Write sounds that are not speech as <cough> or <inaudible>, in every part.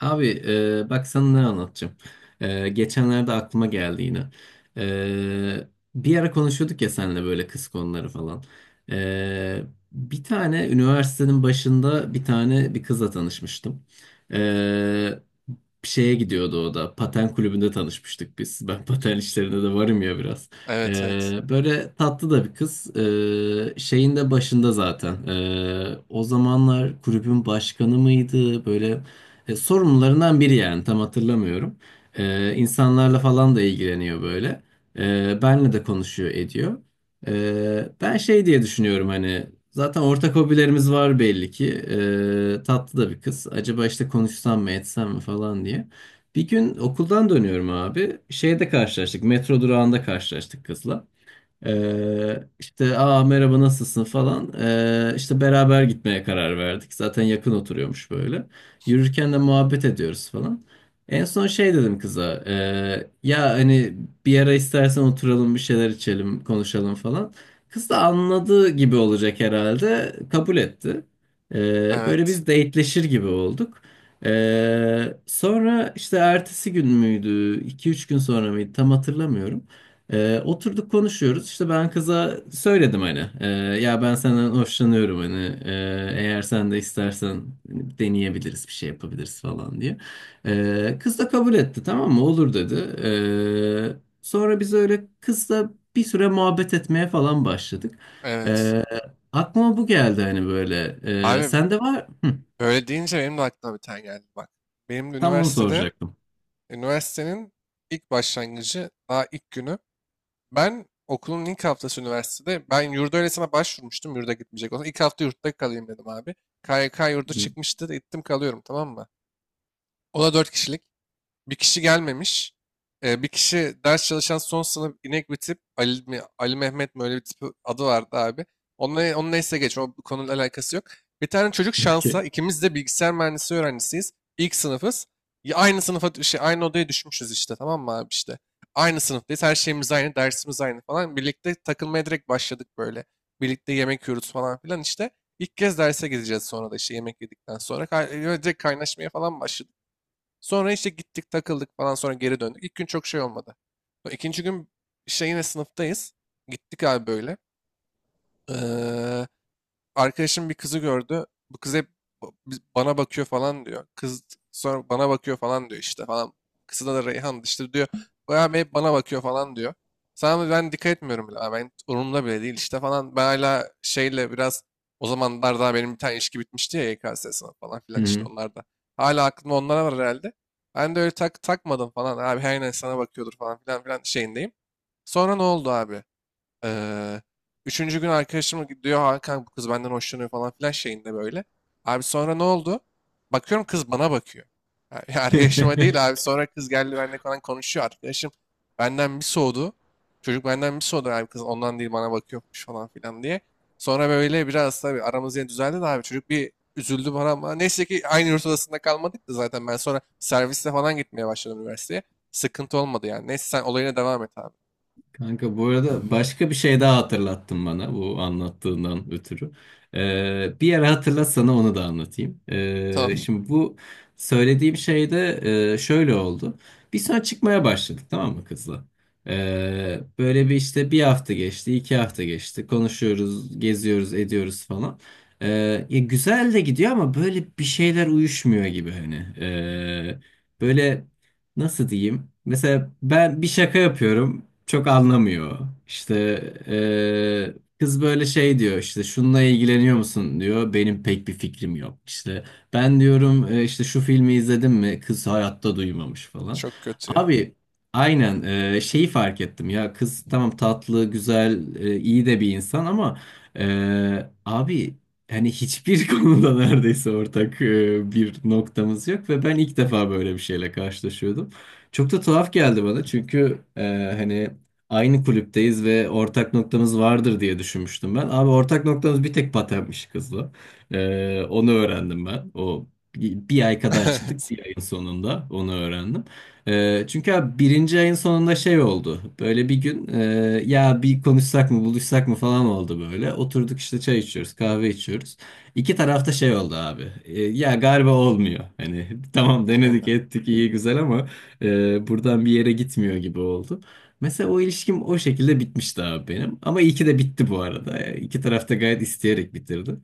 Abi bak sana ne anlatacağım. Geçenlerde aklıma geldi yine. E, Bir ara konuşuyorduk ya seninle böyle kız konuları falan. E, Bir tane üniversitenin başında bir kızla tanışmıştım. E, Şeye gidiyordu o da. Paten kulübünde tanışmıştık biz. Ben paten işlerinde de varım ya biraz. Evet evet. Böyle tatlı da bir kız. Şeyin de başında zaten. O zamanlar kulübün başkanı mıydı? Böyle sorumlularından biri yani tam hatırlamıyorum. İnsanlarla falan da ilgileniyor böyle. Benle de konuşuyor ediyor. Ben şey diye düşünüyorum hani zaten ortak hobilerimiz var belli ki. Tatlı da bir kız. Acaba işte konuşsam mı etsem mi falan diye. Bir gün okuldan dönüyorum abi. Şeyde karşılaştık. Metro durağında karşılaştık kızla. İşte aa merhaba nasılsın falan. İşte beraber gitmeye karar verdik. Zaten yakın oturuyormuş böyle. Yürürken de muhabbet ediyoruz falan. En son şey dedim kıza. Ya hani bir ara istersen oturalım bir şeyler içelim konuşalım falan. Kız da anladığı gibi olacak herhalde. Kabul etti. Böyle Evet. biz dateleşir gibi olduk. Sonra işte ertesi gün müydü? İki üç gün sonra mıydı? Tam hatırlamıyorum. Oturduk konuşuyoruz. İşte ben kıza söyledim hani. Ya ben senden hoşlanıyorum hani. e, Eğer sen de istersen hani deneyebiliriz bir şey yapabiliriz falan diye. Kız da kabul etti, tamam mı? Olur dedi. Sonra biz öyle kızla bir süre muhabbet etmeye falan başladık. Evet. Ee, Aklıma bu geldi hani böyle. Abi Sende var. Hı, böyle deyince benim de aklıma bir tane geldi bak. Benim de tam onu üniversitede soracaktım. üniversitenin ilk başlangıcı, daha ilk günü. Ben okulun ilk haftası üniversitede ben yurda öylesine başvurmuştum. Yurda gitmeyecek olsam, İlk hafta yurtta kalayım dedim abi. KYK yurdu Hı, çıkmıştı. Gittim kalıyorum, tamam mı? O da 4 kişilik. Bir kişi gelmemiş. Bir kişi ders çalışan son sınıf inek bir tip. Ali mi, Ali Mehmet mi, öyle bir tip adı vardı abi. Onunla, onun neyse geç. O, bu konuyla alakası yok. Bir tane çocuk, şansa okey. ikimiz de bilgisayar mühendisliği öğrencisiyiz. İlk sınıfız. Ya aynı sınıfa şey, aynı odaya düşmüşüz işte, tamam mı abi, işte. Aynı sınıftayız. Her şeyimiz aynı. Dersimiz aynı falan. Birlikte takılmaya direkt başladık böyle. Birlikte yemek yiyoruz falan filan işte. İlk kez derse gideceğiz, sonra da işte yemek yedikten sonra. Direkt kaynaşmaya falan başladık. Sonra işte gittik takıldık falan, sonra geri döndük. İlk gün çok şey olmadı. İkinci gün işte yine sınıftayız. Gittik abi böyle. Ee, Arkadaşım bir kızı gördü. Bu kız hep bana bakıyor falan diyor. Kız sonra bana bakıyor falan diyor işte falan. Kızına da Reyhan işte diyor. O abi hep bana bakıyor falan diyor. Sana ben dikkat etmiyorum bile. Abi, ben umurumda bile değil işte falan. Ben hala şeyle biraz, o zamanlar daha benim bir tane ilişki bitmişti ya, YKS sınavı falan filan, işte Hı. onlar da. Hala aklımda onlara var herhalde. Ben de öyle tak takmadım falan. Abi her neyse, sana bakıyordur falan filan şeyindeyim. Sonra ne oldu abi? Eee, Üçüncü gün arkadaşım diyor, Hakan, bu kız benden hoşlanıyor falan filan şeyinde böyle. Abi sonra ne oldu? Bakıyorum kız bana bakıyor. Yani <laughs> arkadaşıma değil <laughs> abi, sonra kız geldi, benimle falan konuşuyor. Arkadaşım benden bir soğudu. Çocuk benden bir soğudu abi, kız ondan değil bana bakıyormuş falan filan diye. Sonra böyle biraz tabii aramız yine düzeldi de abi, çocuk bir üzüldü bana, ama neyse ki aynı yurt odasında kalmadık da, zaten ben sonra servisle falan gitmeye başladım üniversiteye. Sıkıntı olmadı yani. Neyse, sen olayına devam et abi. Kanka bu arada başka bir şey daha hatırlattın bana bu anlattığından ötürü. Bir ara hatırlat, sana onu da anlatayım. Tamam. Şimdi bu söylediğim şey de şöyle oldu. Bir sonra çıkmaya başladık tamam mı kızla? Böyle bir işte bir hafta geçti, iki hafta geçti. Konuşuyoruz, geziyoruz, ediyoruz falan. Ya güzel de gidiyor ama böyle bir şeyler uyuşmuyor gibi hani. Ee, Böyle nasıl diyeyim? Mesela ben bir şaka yapıyorum. Çok anlamıyor. İşte eee, kız böyle şey diyor işte şununla ilgileniyor musun diyor. Benim pek bir fikrim yok. İşte ben diyorum işte şu filmi izledin mi?" Kız hayatta duymamış falan. Çok kötü ya. Abi aynen şeyi fark ettim ya, kız tamam tatlı, güzel, iyi de bir insan ama abi yani hiçbir <laughs> konuda neredeyse ortak bir noktamız yok ve ben ilk defa böyle bir şeyle karşılaşıyordum. Çok da tuhaf geldi bana çünkü hani aynı kulüpteyiz ve ortak noktamız vardır diye düşünmüştüm ben. Abi ortak noktamız bir tek patenmiş kızla. Onu öğrendim ben. O bir ay kadar çıktık, <laughs> Evet. bir ayın sonunda onu öğrendim. Çünkü abi birinci ayın sonunda şey oldu. Böyle bir gün ya bir konuşsak mı buluşsak mı falan oldu böyle. Oturduk işte çay içiyoruz kahve içiyoruz. İki tarafta şey oldu abi. Ya galiba olmuyor. Hani <laughs> tamam denedik Aynen. ettik iyi güzel ama. Buradan bir yere gitmiyor gibi oldu. Mesela o ilişkim o şekilde bitmişti abi benim. Ama iyi ki de bitti bu arada. Yani İki taraf da gayet isteyerek bitirdi.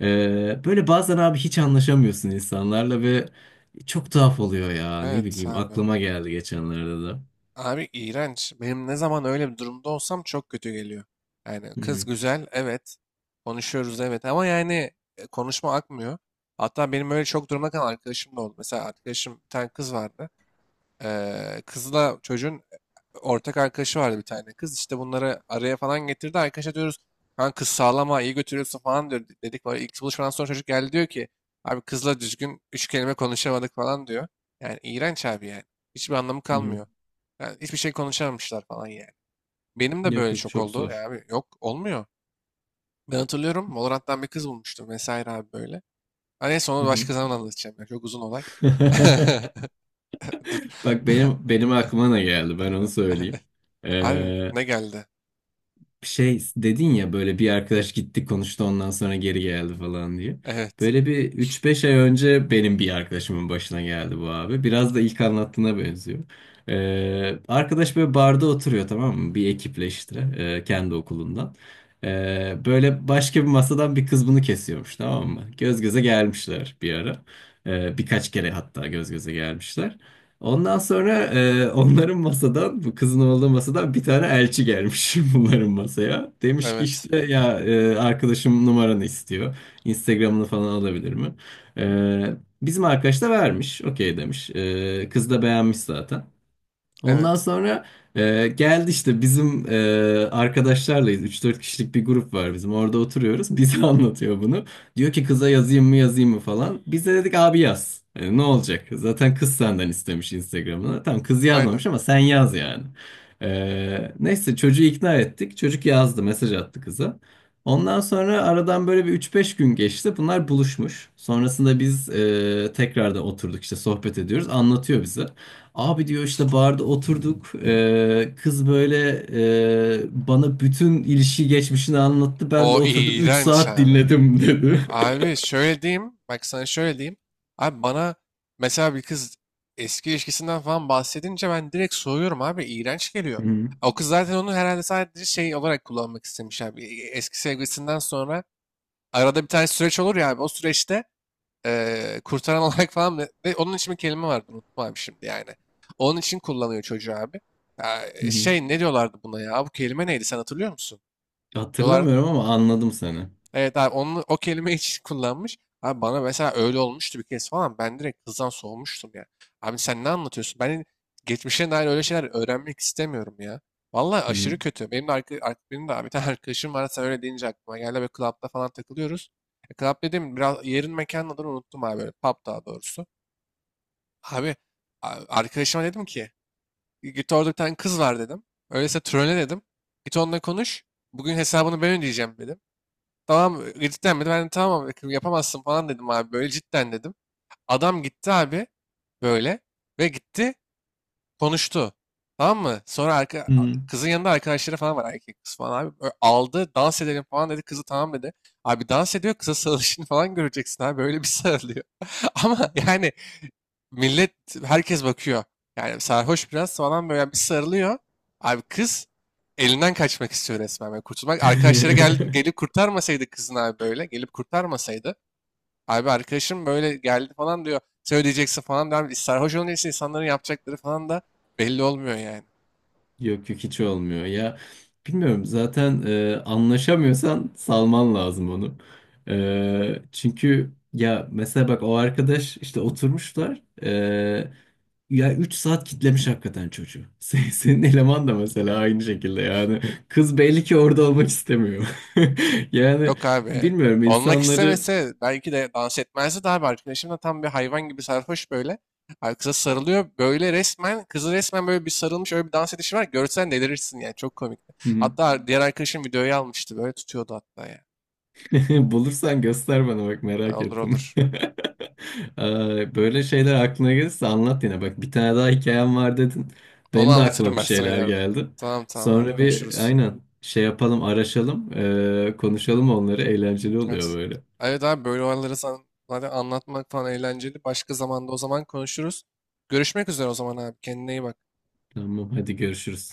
Böyle bazen abi hiç anlaşamıyorsun insanlarla ve çok tuhaf oluyor ya. Ne Evet bileyim abi. aklıma geldi geçenlerde de. Abi iğrenç. Benim ne zaman öyle bir durumda olsam çok kötü geliyor. Yani Hı kız hı, güzel, evet. Konuşuyoruz evet, ama yani konuşma akmıyor. Hatta benim öyle çok durumda kalan arkadaşım da oldu. Mesela arkadaşım, bir tane kız vardı. Kızla çocuğun ortak arkadaşı vardı, bir tane kız. İşte bunları araya falan getirdi. Arkadaşa diyoruz, kan kız sağlama, iyi götürüyorsun falan diyor. Dedik böyle. İlk buluşmadan sonra çocuk geldi, diyor ki abi, kızla düzgün üç kelime konuşamadık falan diyor. Yani iğrenç abi yani. Hiçbir anlamı hı hı. kalmıyor. Yani hiçbir şey konuşamamışlar falan yani. Benim de Yok böyle yok, çok çok oldu. Ya zor. abi, yok olmuyor. Ben hatırlıyorum, Valorant'tan bir kız bulmuştum vesaire abi böyle. Hani neyse, Hı onu hı. başka zaman anlatacağım ya. Çok uzun olay. <laughs> <laughs> Dur. Bak benim <laughs> benim aklıma ne geldi, ben onu söyleyeyim. Abi Ee, ne geldi? Şey dedin ya böyle bir arkadaş gitti konuştu ondan sonra geri geldi falan diye. Evet. Böyle bir üç beş ay önce benim bir arkadaşımın başına geldi bu abi. Biraz da ilk anlattığına benziyor. Arkadaş böyle barda oturuyor tamam mı? Bir ekiple işte kendi okulundan. Böyle başka bir masadan bir kız bunu kesiyormuş tamam mı? Göz göze gelmişler bir ara. Birkaç kere hatta göz göze gelmişler. Ondan sonra onların masadan, bu kızın olduğu masadan bir tane elçi gelmiş <laughs> bunların masaya. Demiş ki Evet. işte ya arkadaşım numaranı istiyor. Instagram'ını falan alabilir mi? Bizim arkadaş da vermiş. Okey demiş. Kız da beğenmiş zaten. Ondan Evet. sonra geldi işte bizim arkadaşlarlayız. 3 4 kişilik bir grup var bizim. Orada oturuyoruz. Bize <laughs> anlatıyor bunu. Diyor ki kıza yazayım mı yazayım mı falan. Biz de dedik abi yaz. Ne olacak? Zaten kız senden istemiş Instagram'ını. Tamam kız Aynen. yazmamış ama sen yaz yani. Neyse çocuğu ikna ettik. Çocuk yazdı, mesaj attı kıza. Ondan sonra aradan böyle bir üç beş gün geçti. Bunlar buluşmuş. Sonrasında biz tekrar da oturduk işte sohbet ediyoruz. Anlatıyor bize. Abi diyor işte barda oturduk. Kız böyle bana bütün ilişki geçmişini anlattı. Ben de O oturdum 3 iğrenç saat abi. dinledim dedi. Abi şöyle diyeyim. Bak sana şöyle diyeyim. Abi bana mesela bir kız eski ilişkisinden falan bahsedince ben direkt soğuyorum abi. İğrenç <laughs> geliyor. Hı hı. O kız zaten onu herhalde sadece şey olarak kullanmak istemiş abi. E, eski sevgilisinden sonra arada bir tane süreç olur ya abi. O süreçte kurtaran <laughs> olarak falan, onun için bir kelime vardı, unuttum abi şimdi yani. Onun için kullanıyor çocuğu abi. Ya, Hı hı. şey, ne diyorlardı buna ya? Bu kelime neydi, sen hatırlıyor musun? Diyorlardı. Hatırlamıyorum ama anladım seni. Evet abi, onu o kelime hiç <laughs> kullanmış. Abi bana mesela öyle olmuştu bir kez falan. Ben direkt kızdan soğumuştum ya. Abi sen ne anlatıyorsun? Ben geçmişe dair öyle şeyler öğrenmek istemiyorum ya. Vallahi Hı hı. aşırı kötü. Benim de abi bir tane <laughs> arkadaşım var. Sen öyle deyince aklıma geldi. Ve club'da falan takılıyoruz. Club dedim, biraz yerin mekanın adını unuttum abi. Böyle pub, daha doğrusu. Abi, arkadaşıma dedim ki, git, orada bir tane kız var dedim. Öyleyse trolle dedim. Git onunla konuş. Bugün hesabını ben ödeyeceğim dedim. Tamam, cidden mi? Ben de tamam abi, yapamazsın falan dedim abi. Böyle cidden dedim. Adam gitti abi böyle, ve gitti, konuştu. Tamam mı? Sonra Hı hı. kızın yanında arkadaşları falan var, erkek kız falan abi. Aldı, dans edelim falan dedi. Kızı tamam dedi. Abi dans ediyor, kıza sarılışını falan göreceksin abi. Böyle bir sarılıyor. <laughs> Ama yani Millet, herkes bakıyor. Yani sarhoş biraz falan, böyle bir sarılıyor. Abi kız elinden kaçmak istiyor resmen, böyle kurtulmak. Gelip <laughs> kurtarmasaydı kızın abi böyle. Gelip kurtarmasaydı. Abi arkadaşım böyle geldi falan diyor. Sen ödeyeceksin falan diyor. Sarhoş olunca işte insanların yapacakları falan da belli olmuyor yani. Yok yok hiç olmuyor ya. Bilmiyorum zaten anlaşamıyorsan salman lazım onu. Çünkü ya mesela bak o arkadaş işte oturmuşlar. Ya 3 saat kitlemiş hakikaten çocuğu. <laughs> Senin eleman da mesela aynı şekilde yani. Kız belli ki orada olmak istemiyor. <laughs> Yani Yok abi. bilmiyorum Olmak insanları... istemese belki de dans etmezdi de abi. Arkadaşım da tam bir hayvan gibi sarhoş böyle. Abi kıza sarılıyor. Böyle resmen, kızı resmen böyle bir sarılmış, öyle bir dans edişi var. Görsen delirirsin yani. Çok komikti. Hı hı. Hatta diğer arkadaşım videoyu almıştı. Böyle tutuyordu hatta ya. <laughs> Bulursan göster bana, bak Ha, merak olur ettim. olur. <laughs> Böyle şeyler aklına gelirse anlat yine. Bak bir tane daha hikayem var dedin. Onu Benim de aklıma anlatırım bir ben sana şeyler ileride. geldi. Tamam tamam abi, Sonra bir konuşuruz. aynen şey yapalım, araşalım. Konuşalım onları, eğlenceli oluyor Evet. böyle. Evet abi, böyle olayları zaten anlatmak falan eğlenceli. Başka zamanda o zaman konuşuruz. Görüşmek üzere o zaman abi. Kendine iyi bak. Tamam hadi görüşürüz.